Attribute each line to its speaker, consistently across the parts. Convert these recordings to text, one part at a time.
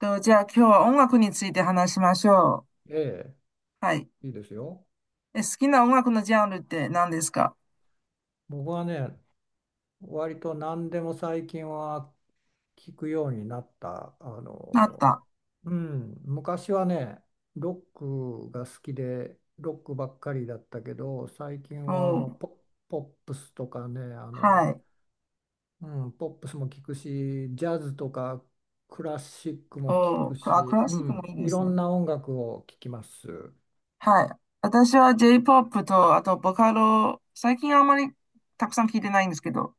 Speaker 1: と、じゃあ今日は音楽について話しましょ
Speaker 2: え
Speaker 1: う。はい。
Speaker 2: え、いいですよ。
Speaker 1: 好きな音楽のジャンルって何ですか？
Speaker 2: 僕はね、割と何でも最近は聞くようになった。
Speaker 1: あった。
Speaker 2: うん、昔はね、ロックが好きで、ロックばっかりだったけど、最近は
Speaker 1: おー、
Speaker 2: ポップスとかね、
Speaker 1: はい。
Speaker 2: うん、ポップスも聞くし、ジャズとかクラシックも聞
Speaker 1: おー、
Speaker 2: く
Speaker 1: あ、ク
Speaker 2: し、
Speaker 1: ラ
Speaker 2: う
Speaker 1: シックも
Speaker 2: ん、
Speaker 1: いいで
Speaker 2: い
Speaker 1: す
Speaker 2: ろ
Speaker 1: ね。
Speaker 2: んな音楽を聞きます。
Speaker 1: はい。私は J-POP と、あとボカロ、最近あんまりたくさん聞いてないんですけど、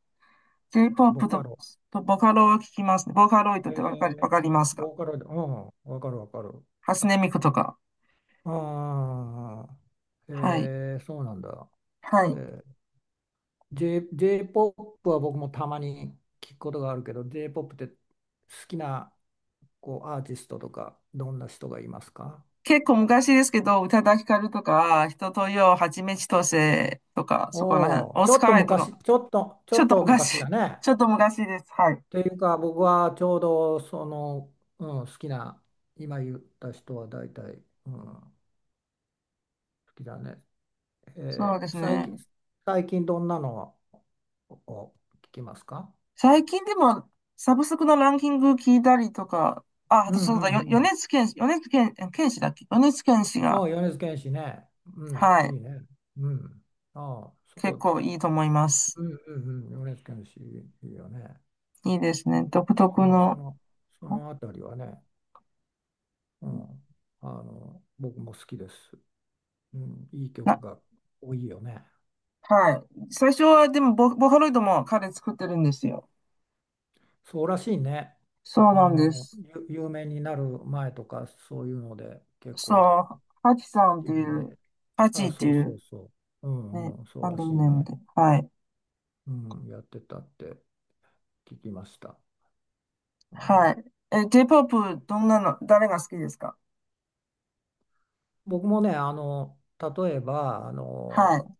Speaker 2: ボ
Speaker 1: J-POP
Speaker 2: カ
Speaker 1: と、
Speaker 2: ロ。
Speaker 1: とボカロを聞きますね。ボカロイドっ
Speaker 2: え
Speaker 1: てわかり、わ
Speaker 2: え、
Speaker 1: かりますか？
Speaker 2: ボーカルで、うん、わかるわかる。
Speaker 1: 初音ミクとか。
Speaker 2: ああ、え
Speaker 1: はい。
Speaker 2: ー、そうなんだ。
Speaker 1: は
Speaker 2: え
Speaker 1: い。
Speaker 2: ー、J-POP は僕もたまに聞くことがあるけど、J-POP って好きなこうアーティストとか、どんな人がいますか？
Speaker 1: 結構昔ですけど、宇多田ヒカルとか、人とよ、はちみつとせとか、そこら辺、
Speaker 2: おおー、
Speaker 1: オ
Speaker 2: ちょ
Speaker 1: ス
Speaker 2: っと
Speaker 1: カイとか、
Speaker 2: 昔、ちょっと、ちょ
Speaker 1: ちょっ
Speaker 2: っ
Speaker 1: と
Speaker 2: と昔
Speaker 1: 昔、
Speaker 2: だね。
Speaker 1: ちょっと昔です。はい。
Speaker 2: というか、僕はちょうどその、うん、好きな、今言った人は大体、うん、好きだね。
Speaker 1: そ
Speaker 2: え
Speaker 1: うで
Speaker 2: ー、
Speaker 1: す
Speaker 2: 最
Speaker 1: ね。
Speaker 2: 近、最近どんなのを聞きますか？
Speaker 1: 最近でも、サブスクのランキング聞いたりとか、あ、あ
Speaker 2: うん
Speaker 1: と
Speaker 2: う
Speaker 1: そう
Speaker 2: ん
Speaker 1: だ、
Speaker 2: うん。
Speaker 1: 米津玄師、米津玄、え玄師だっけ？米津玄師
Speaker 2: あ
Speaker 1: が、
Speaker 2: あ、米津玄師ね。うん、
Speaker 1: は
Speaker 2: い
Speaker 1: い、
Speaker 2: いね。うん。ああ、そ
Speaker 1: 結
Speaker 2: こ、
Speaker 1: 構いいと思います。
Speaker 2: うんうんうん、米津玄師いいよね。
Speaker 1: いいです
Speaker 2: うん。
Speaker 1: ね。独
Speaker 2: そ
Speaker 1: 特
Speaker 2: の、そ
Speaker 1: の、
Speaker 2: の、そのあたりはね、うん、僕も好きです。うん、いい曲
Speaker 1: な、
Speaker 2: が多いよね。
Speaker 1: はい。最初はでもボーカロイドも彼作ってるんですよ。
Speaker 2: そうらしいね。
Speaker 1: そうな
Speaker 2: あ
Speaker 1: んで
Speaker 2: の、
Speaker 1: す。
Speaker 2: 有名になる前とか、そういうので、結構で、
Speaker 1: そう、ハチさんっていう、
Speaker 2: で、
Speaker 1: ハ
Speaker 2: あ
Speaker 1: チ
Speaker 2: あ、
Speaker 1: って
Speaker 2: そう
Speaker 1: い
Speaker 2: そう
Speaker 1: う、
Speaker 2: そう。う
Speaker 1: ね、
Speaker 2: んうん、そう
Speaker 1: ハン
Speaker 2: ら
Speaker 1: ド
Speaker 2: し
Speaker 1: ル
Speaker 2: い
Speaker 1: ネーム
Speaker 2: ね。
Speaker 1: で、はい。
Speaker 2: うん、やってたって聞きました。う
Speaker 1: は
Speaker 2: ん。
Speaker 1: い。J-POP、どんなの、誰が好きですか？
Speaker 2: 僕もね、例えば、
Speaker 1: はい。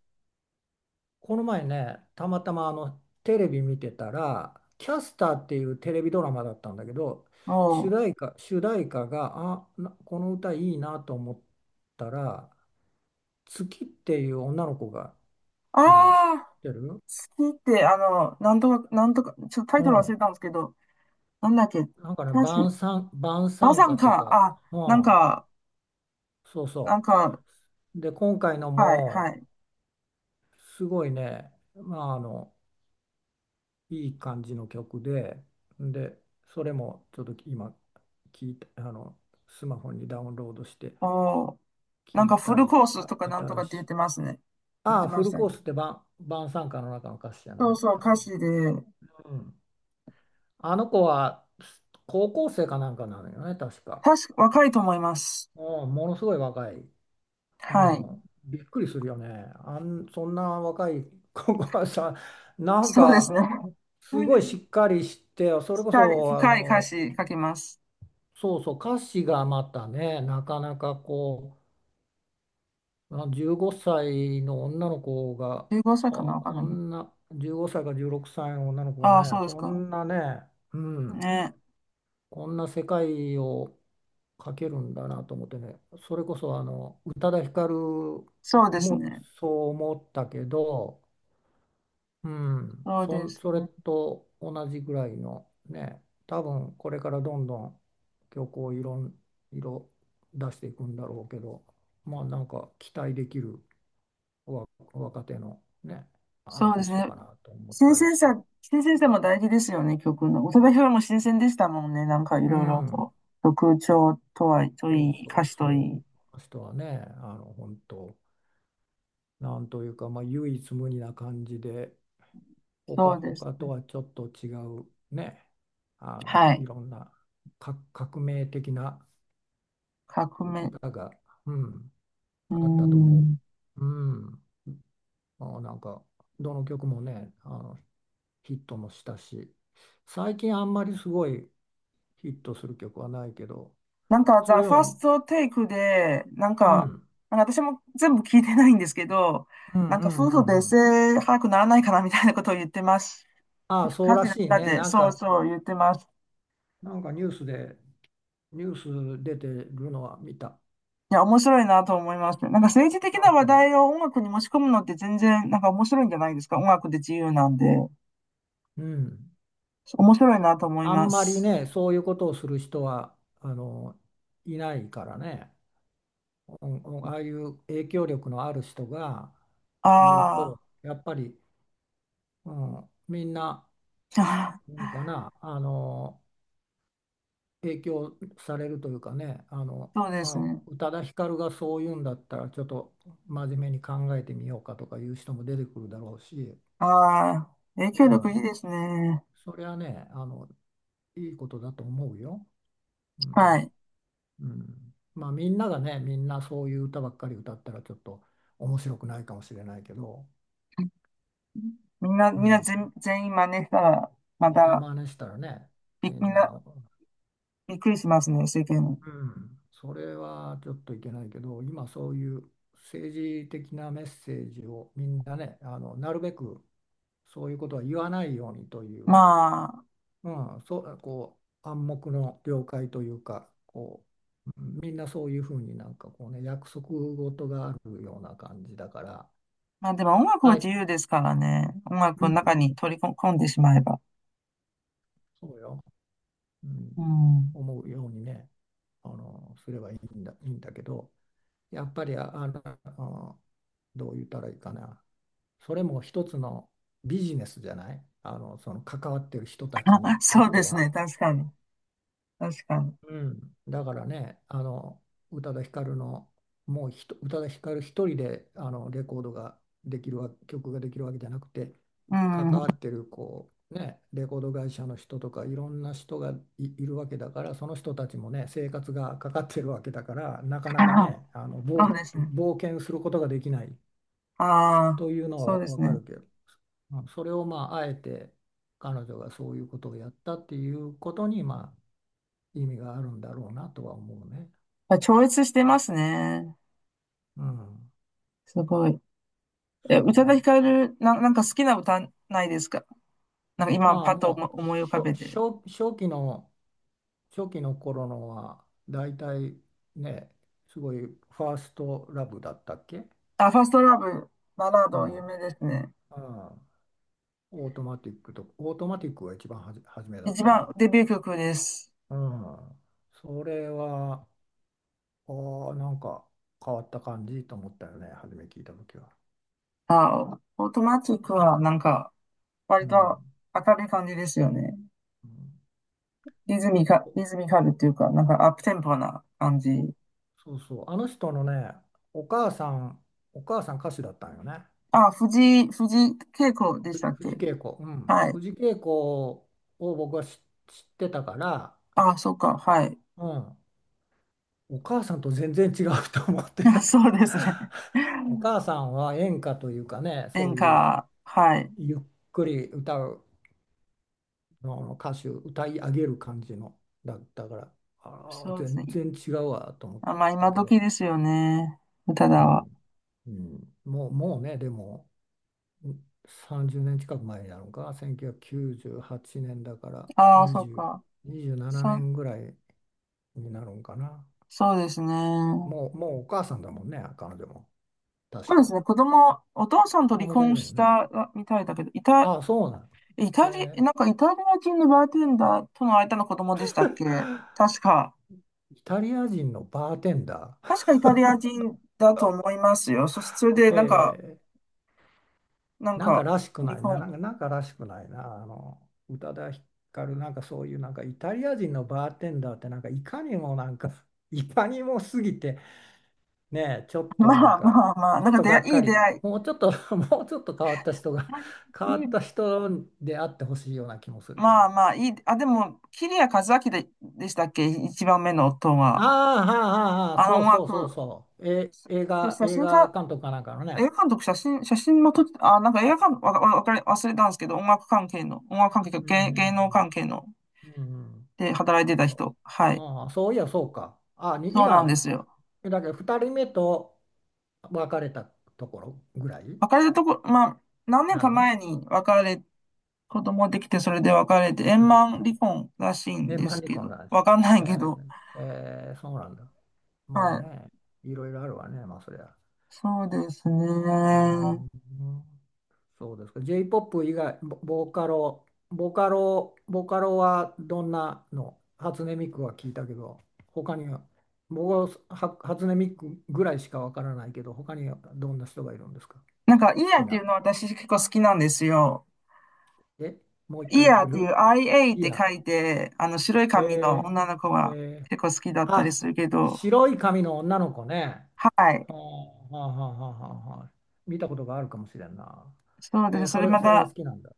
Speaker 2: この前ね、たまたまテレビ見てたら、キャスターっていうテレビドラマだったんだけど、
Speaker 1: おう。
Speaker 2: 主題歌が、あ、この歌いいなと思ったら、月っていう女の子が
Speaker 1: あ
Speaker 2: いるの知っ
Speaker 1: あ、
Speaker 2: てる？
Speaker 1: 好きって、なんとか、なんとか、ちょっとタイ
Speaker 2: う
Speaker 1: トル忘
Speaker 2: ん。
Speaker 1: れたんですけど、なんだっけ、
Speaker 2: なんかね、
Speaker 1: たし、
Speaker 2: 晩
Speaker 1: バ
Speaker 2: 餐
Speaker 1: サン
Speaker 2: 歌と
Speaker 1: か、
Speaker 2: か、
Speaker 1: あ、
Speaker 2: う
Speaker 1: なん
Speaker 2: ん、
Speaker 1: か、
Speaker 2: そう
Speaker 1: なん
Speaker 2: そ
Speaker 1: か、
Speaker 2: う。で、今回の
Speaker 1: はい、は
Speaker 2: も、
Speaker 1: い。
Speaker 2: すごいね、まあ、いい感じの曲で、で、それもちょっと今聞いたスマホにダウンロードして
Speaker 1: おう。なん
Speaker 2: 聞
Speaker 1: か
Speaker 2: い
Speaker 1: フ
Speaker 2: た
Speaker 1: ル
Speaker 2: り、
Speaker 1: コース
Speaker 2: あ、
Speaker 1: とかなんとか
Speaker 2: 新
Speaker 1: って
Speaker 2: し
Speaker 1: 言っ
Speaker 2: い。
Speaker 1: てますね。言っ
Speaker 2: あ
Speaker 1: て
Speaker 2: あ、
Speaker 1: ま
Speaker 2: フ
Speaker 1: し
Speaker 2: ル
Speaker 1: た
Speaker 2: コー
Speaker 1: ね。
Speaker 2: スって晩餐歌の中の歌詞じゃ
Speaker 1: そ
Speaker 2: な
Speaker 1: う
Speaker 2: い
Speaker 1: そう、
Speaker 2: 多分。
Speaker 1: 歌詞で、
Speaker 2: うん。あの子は高校生かなんかなのよね、確か。
Speaker 1: 確か、若いと思います。
Speaker 2: うん、ものすごい若い。う
Speaker 1: はい。
Speaker 2: ん。びっくりするよね。そんな若い子が さ、なん
Speaker 1: そうです
Speaker 2: か、
Speaker 1: ね。
Speaker 2: すごいし っかりして、それこ
Speaker 1: 深い
Speaker 2: そ、
Speaker 1: 深い歌詞書きます。
Speaker 2: そうそう、歌詞がまたね、なかなか15歳の女の子が、
Speaker 1: 15歳かな
Speaker 2: はあ、
Speaker 1: わかん
Speaker 2: こ
Speaker 1: ないけど。
Speaker 2: んな、15歳か16歳の女の子が
Speaker 1: ああ、そう
Speaker 2: ね、
Speaker 1: です
Speaker 2: そ
Speaker 1: か。
Speaker 2: んなね、うん、
Speaker 1: ね。
Speaker 2: こんな世界を描けるんだなと思ってね、それこそ宇多田ヒカル
Speaker 1: そうです
Speaker 2: も
Speaker 1: ね。
Speaker 2: そう思ったけど、うん、
Speaker 1: そうです
Speaker 2: それ
Speaker 1: ね。
Speaker 2: と同じぐらいのね、多分これからどんどん曲をいろん、色出していくんだろうけど、まあなんか期待できる若手のね、アー
Speaker 1: そうで
Speaker 2: ティ
Speaker 1: す
Speaker 2: スト
Speaker 1: ね。
Speaker 2: かなと思っ
Speaker 1: 新
Speaker 2: たり
Speaker 1: 鮮
Speaker 2: して。
Speaker 1: さ、新鮮さも大事ですよね、曲の。宇多田ヒカルも新鮮でしたもんね。なんかい
Speaker 2: う
Speaker 1: ろいろ
Speaker 2: ん、
Speaker 1: と。曲調とは、と
Speaker 2: そう
Speaker 1: いい、
Speaker 2: そ
Speaker 1: 歌
Speaker 2: う
Speaker 1: 詞とい
Speaker 2: そ
Speaker 1: い。
Speaker 2: う。あの人はね、本当、なんというか、まあ唯一無二な感じで、
Speaker 1: そうです
Speaker 2: 他と
Speaker 1: ね。
Speaker 2: はちょっと違うね、
Speaker 1: は
Speaker 2: い
Speaker 1: い。
Speaker 2: ろんな革命的な
Speaker 1: 革命。
Speaker 2: 歌が、うん、
Speaker 1: うー
Speaker 2: あったと思
Speaker 1: ん。
Speaker 2: う。うん。なんか、どの曲もね、ヒットもしたし、最近あんまりすごいヒットする曲はないけど、
Speaker 1: なんか、
Speaker 2: そ
Speaker 1: ザ・
Speaker 2: れで
Speaker 1: ファー
Speaker 2: も、
Speaker 1: ストテイクで、なん
Speaker 2: うん、う
Speaker 1: か、
Speaker 2: ん
Speaker 1: なんか私も全部聞いてないんですけど、
Speaker 2: うん
Speaker 1: なん
Speaker 2: う
Speaker 1: か夫婦
Speaker 2: んう
Speaker 1: 別
Speaker 2: ん。
Speaker 1: 姓早くならないかなみたいなことを言ってます。
Speaker 2: ああ、そう
Speaker 1: 歌詞
Speaker 2: ら
Speaker 1: の
Speaker 2: しい
Speaker 1: 中
Speaker 2: ね。
Speaker 1: で、そうそう言ってます。
Speaker 2: なんかニュース出てるのは見た。
Speaker 1: いや、面白いなと思います。なんか政治的
Speaker 2: あ、
Speaker 1: な話
Speaker 2: そ
Speaker 1: 題を音楽に持ち込むのって全然なんか面白いんじゃないですか。音楽で自由なんで。
Speaker 2: う。うん。
Speaker 1: 面白いなと思い
Speaker 2: あ
Speaker 1: ま
Speaker 2: んまり
Speaker 1: す。
Speaker 2: ね、そういうことをする人は、いないからね。うんうん、ああいう影響力のある人が言う
Speaker 1: あ
Speaker 2: とやっぱり、うん、みんな、
Speaker 1: ーあ
Speaker 2: なんかな影響されるというかね
Speaker 1: ー、そうです
Speaker 2: あ
Speaker 1: ね。
Speaker 2: 宇多田ヒカルがそう言うんだったらちょっと真面目に考えてみようかとかいう人も出てくるだろうし、
Speaker 1: ああ、影
Speaker 2: う
Speaker 1: 響力いい
Speaker 2: ん、
Speaker 1: ですね。
Speaker 2: それはねいいことだと思うよ。う
Speaker 1: は
Speaker 2: ん
Speaker 1: い。
Speaker 2: うん、まあみんながねみんなそういう歌ばっかり歌ったらちょっと面白くないかもしれないけど。
Speaker 1: みんな、
Speaker 2: う
Speaker 1: みんな
Speaker 2: ん、
Speaker 1: 全員真似したら、ま
Speaker 2: みんな
Speaker 1: た、
Speaker 2: 真似したらね、み
Speaker 1: み
Speaker 2: ん
Speaker 1: んな
Speaker 2: な、
Speaker 1: びっくりしますね、世間。
Speaker 2: うん、それはちょっといけないけど、今そういう政治的なメッセージをみんなね、なるべくそういうことは言わないようにという、
Speaker 1: まあ、
Speaker 2: うん、そう、こう、暗黙の了解というか、こう、みんなそういうふうになんかこうね、約束事があるような感じだから、
Speaker 1: まあでも音楽は
Speaker 2: はい、
Speaker 1: 自由ですからね。音楽
Speaker 2: う
Speaker 1: の
Speaker 2: ん、
Speaker 1: 中に取り込んでしまえば。
Speaker 2: そうよ、う
Speaker 1: う
Speaker 2: ん、
Speaker 1: ん。
Speaker 2: 思うようにね、すればいいんだ、いいんだけど、やっぱりどう言ったらいいかな。それも一つのビジネスじゃない。その関わってる人たち
Speaker 1: あ、
Speaker 2: にと
Speaker 1: そ
Speaker 2: っ
Speaker 1: う
Speaker 2: て
Speaker 1: ですね。
Speaker 2: は。
Speaker 1: 確かに。確かに。
Speaker 2: うん、だからね、宇多田ヒカルの、もう宇多田ヒカル一人でレコードができるわ、曲ができるわけじゃなくて、
Speaker 1: う
Speaker 2: 関
Speaker 1: ん。
Speaker 2: わってるこう、ね、レコード会社の人とか、いろんな人がいるわけだから、その人たちもね、生活がかかってるわけだから、な か
Speaker 1: は
Speaker 2: な
Speaker 1: い
Speaker 2: か
Speaker 1: はい。
Speaker 2: ね、
Speaker 1: そうですね。
Speaker 2: 冒険することができない
Speaker 1: ああ、
Speaker 2: というの
Speaker 1: そう
Speaker 2: は
Speaker 1: で
Speaker 2: わ
Speaker 1: す
Speaker 2: か
Speaker 1: ね。
Speaker 2: るけど、うんそれをまあ、あえて彼女がそういうことをやったっていうことに、まあ、意味があるんだろうなとは思うね。
Speaker 1: あ、超越してますね。
Speaker 2: うん、
Speaker 1: すごい。
Speaker 2: そう
Speaker 1: 宇
Speaker 2: よ
Speaker 1: 多田
Speaker 2: ね。
Speaker 1: ヒカル、なんか好きな歌ないですか？なんか今
Speaker 2: ああ、
Speaker 1: パッと思
Speaker 2: もう
Speaker 1: 思い浮
Speaker 2: し
Speaker 1: か
Speaker 2: ょ
Speaker 1: べて。
Speaker 2: 初、初期の頃のは、だいたいね、すごいファーストラブだったっけ？
Speaker 1: あ、ファーストラブ、バラー
Speaker 2: う
Speaker 1: ド、
Speaker 2: ん、う
Speaker 1: 有
Speaker 2: ん、
Speaker 1: 名ですね。
Speaker 2: オートマティックが一番初めだっ
Speaker 1: 一
Speaker 2: た
Speaker 1: 番
Speaker 2: な。
Speaker 1: デビュー曲です。
Speaker 2: うん、それは、ああ、なんか変わった感じと思ったよね、初め聞いた時は。
Speaker 1: あ、オートマチックはなんか
Speaker 2: う
Speaker 1: 割と
Speaker 2: ん、
Speaker 1: 明るい感じですよね。
Speaker 2: うん、
Speaker 1: リズミカルっていうか、なんかアップテンポな感じ。
Speaker 2: そうそう、あの人のね、お母さん、お母さん歌手だったんよね。
Speaker 1: あ、藤井恵子でしたっ
Speaker 2: 藤
Speaker 1: け？
Speaker 2: 圭子。うん。
Speaker 1: はい。
Speaker 2: 藤圭子を僕は知ってたから、
Speaker 1: あ、そうか、はい。
Speaker 2: うん。お母さんと全然違うと思っ
Speaker 1: あ
Speaker 2: て。
Speaker 1: そうですね。
Speaker 2: お 母さんは演歌というかね、そ
Speaker 1: 演
Speaker 2: ういう
Speaker 1: 歌、はい。
Speaker 2: ゆっくり歌うの歌手、歌い上げる感じのだったから、ああ、
Speaker 1: そうです
Speaker 2: 全
Speaker 1: ね。
Speaker 2: 然違うわと思っ
Speaker 1: あ、まあ、
Speaker 2: た
Speaker 1: 今
Speaker 2: け
Speaker 1: 時
Speaker 2: ど、
Speaker 1: ですよね。歌
Speaker 2: う
Speaker 1: だわ。
Speaker 2: ん。うん、もう、もうね、でも。30年近く前になるのか、1998年だから
Speaker 1: ああ、そうか。
Speaker 2: 20、27
Speaker 1: さ、
Speaker 2: 年ぐらいになるんかな。
Speaker 1: そうですね。
Speaker 2: もう、もうお母さんだもんね、彼女も。確
Speaker 1: そうです
Speaker 2: か。
Speaker 1: ね。子供、お父さんと
Speaker 2: 子
Speaker 1: 離
Speaker 2: 供がい
Speaker 1: 婚
Speaker 2: る
Speaker 1: し
Speaker 2: のね。
Speaker 1: たみたいだけど、イタ、
Speaker 2: ああ、そうなん。
Speaker 1: イ
Speaker 2: え
Speaker 1: タリ、な
Speaker 2: ー、
Speaker 1: んかイタリア人のバーテンダーとの間の子供でしたっけ？確か。
Speaker 2: イタリア人のバーテンダ
Speaker 1: 確
Speaker 2: ー。
Speaker 1: かイタリア人だと思いますよ。そして、それ で、なんか、
Speaker 2: えー、
Speaker 1: なん
Speaker 2: なんか
Speaker 1: か、
Speaker 2: らしく
Speaker 1: 離
Speaker 2: ないな、な
Speaker 1: 婚。
Speaker 2: んか、なんからしくないな。宇多田ヒカル、なんかそういう、なんかイタリア人のバーテンダーって、なんかいかにもなんか、いかにも過ぎて、ねえ、ちょっ と
Speaker 1: ま
Speaker 2: なん
Speaker 1: あ
Speaker 2: か、
Speaker 1: まあまあ、
Speaker 2: ち
Speaker 1: な
Speaker 2: ょ
Speaker 1: ん
Speaker 2: っ
Speaker 1: か
Speaker 2: と
Speaker 1: 出
Speaker 2: がっ
Speaker 1: 会い、い
Speaker 2: か
Speaker 1: い出
Speaker 2: り、
Speaker 1: 会い。
Speaker 2: もうちょっと、もうちょっと変わった人が、変わった人であってほしいような気もするけ
Speaker 1: まあ
Speaker 2: ど。
Speaker 1: まあ、いい。あ、でも、桐谷和明でしたっけ一番目の夫
Speaker 2: あ
Speaker 1: は？
Speaker 2: あ、はあ、はあ、はあ、
Speaker 1: あ
Speaker 2: そ
Speaker 1: の
Speaker 2: う
Speaker 1: 音
Speaker 2: そうそう
Speaker 1: 楽、
Speaker 2: そう。え、
Speaker 1: 写写
Speaker 2: 映
Speaker 1: 真家、
Speaker 2: 画監督かなんかの
Speaker 1: 映
Speaker 2: ね。
Speaker 1: 画監督、写真も撮って、あ、なんか映画監督、わ、わわかり、忘れたんですけど、音楽関係の、音楽関係、
Speaker 2: うんう
Speaker 1: 芸能
Speaker 2: ん
Speaker 1: 関係の、
Speaker 2: うん。うんうん。
Speaker 1: で働いて
Speaker 2: そう
Speaker 1: た
Speaker 2: そう。
Speaker 1: 人。はい。
Speaker 2: ああ、そういや、そうか。
Speaker 1: そうなんですよ。
Speaker 2: だけど2人目と別れたところぐらい
Speaker 1: 別れたとこ、まあ、何年
Speaker 2: な
Speaker 1: か
Speaker 2: の？
Speaker 1: 前に別れ、子供できて、それで別れて、
Speaker 2: う
Speaker 1: 円
Speaker 2: ん。
Speaker 1: 満離婚らしいん
Speaker 2: え、
Speaker 1: で
Speaker 2: 万
Speaker 1: す
Speaker 2: 里
Speaker 1: け
Speaker 2: コの
Speaker 1: ど、
Speaker 2: 話。
Speaker 1: わかんな
Speaker 2: え
Speaker 1: いけど、
Speaker 2: ー、えー、そうなんだ。まあ
Speaker 1: はい。
Speaker 2: ね、いろいろあるわね、まあそりゃ。
Speaker 1: そうです
Speaker 2: うー
Speaker 1: ね。
Speaker 2: ん、そうですか。J-POP 以外、ボボーカロ、ボカロ、ボカロはどんなの？初音ミクは聞いたけど、他には、僕は初音ミクぐらいしかわからないけど、他にはどんな人がいるんですか？
Speaker 1: なんか、イ
Speaker 2: 好
Speaker 1: ヤー
Speaker 2: き
Speaker 1: ってい
Speaker 2: な
Speaker 1: うのは私結構好きなんですよ。
Speaker 2: の？え、もう一
Speaker 1: イ
Speaker 2: 回言って
Speaker 1: ヤー
Speaker 2: く
Speaker 1: っ
Speaker 2: れ
Speaker 1: ていう
Speaker 2: る？
Speaker 1: IA っ
Speaker 2: い
Speaker 1: て
Speaker 2: や、
Speaker 1: 書いて、あの、白い髪の
Speaker 2: え
Speaker 1: 女の子
Speaker 2: ー、
Speaker 1: が
Speaker 2: えー、
Speaker 1: 結構好きだったり
Speaker 2: あ、
Speaker 1: するけど、
Speaker 2: 白い髪の女の子ね。
Speaker 1: は
Speaker 2: は
Speaker 1: い。
Speaker 2: あ、はあ、はあ、はあはあ、見たことがあるかもしれんな。
Speaker 1: そうで
Speaker 2: えー、
Speaker 1: す。それま
Speaker 2: それが好
Speaker 1: た、
Speaker 2: きなんだ。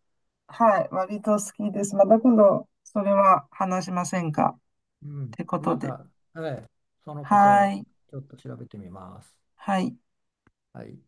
Speaker 1: はい。割と好きです。また今度、それは話しませんかっ
Speaker 2: うん。
Speaker 1: てこ
Speaker 2: ま
Speaker 1: とで。
Speaker 2: た、はい。そのこと
Speaker 1: は
Speaker 2: は
Speaker 1: い。
Speaker 2: ちょっと調べてみます。
Speaker 1: はい。
Speaker 2: はい。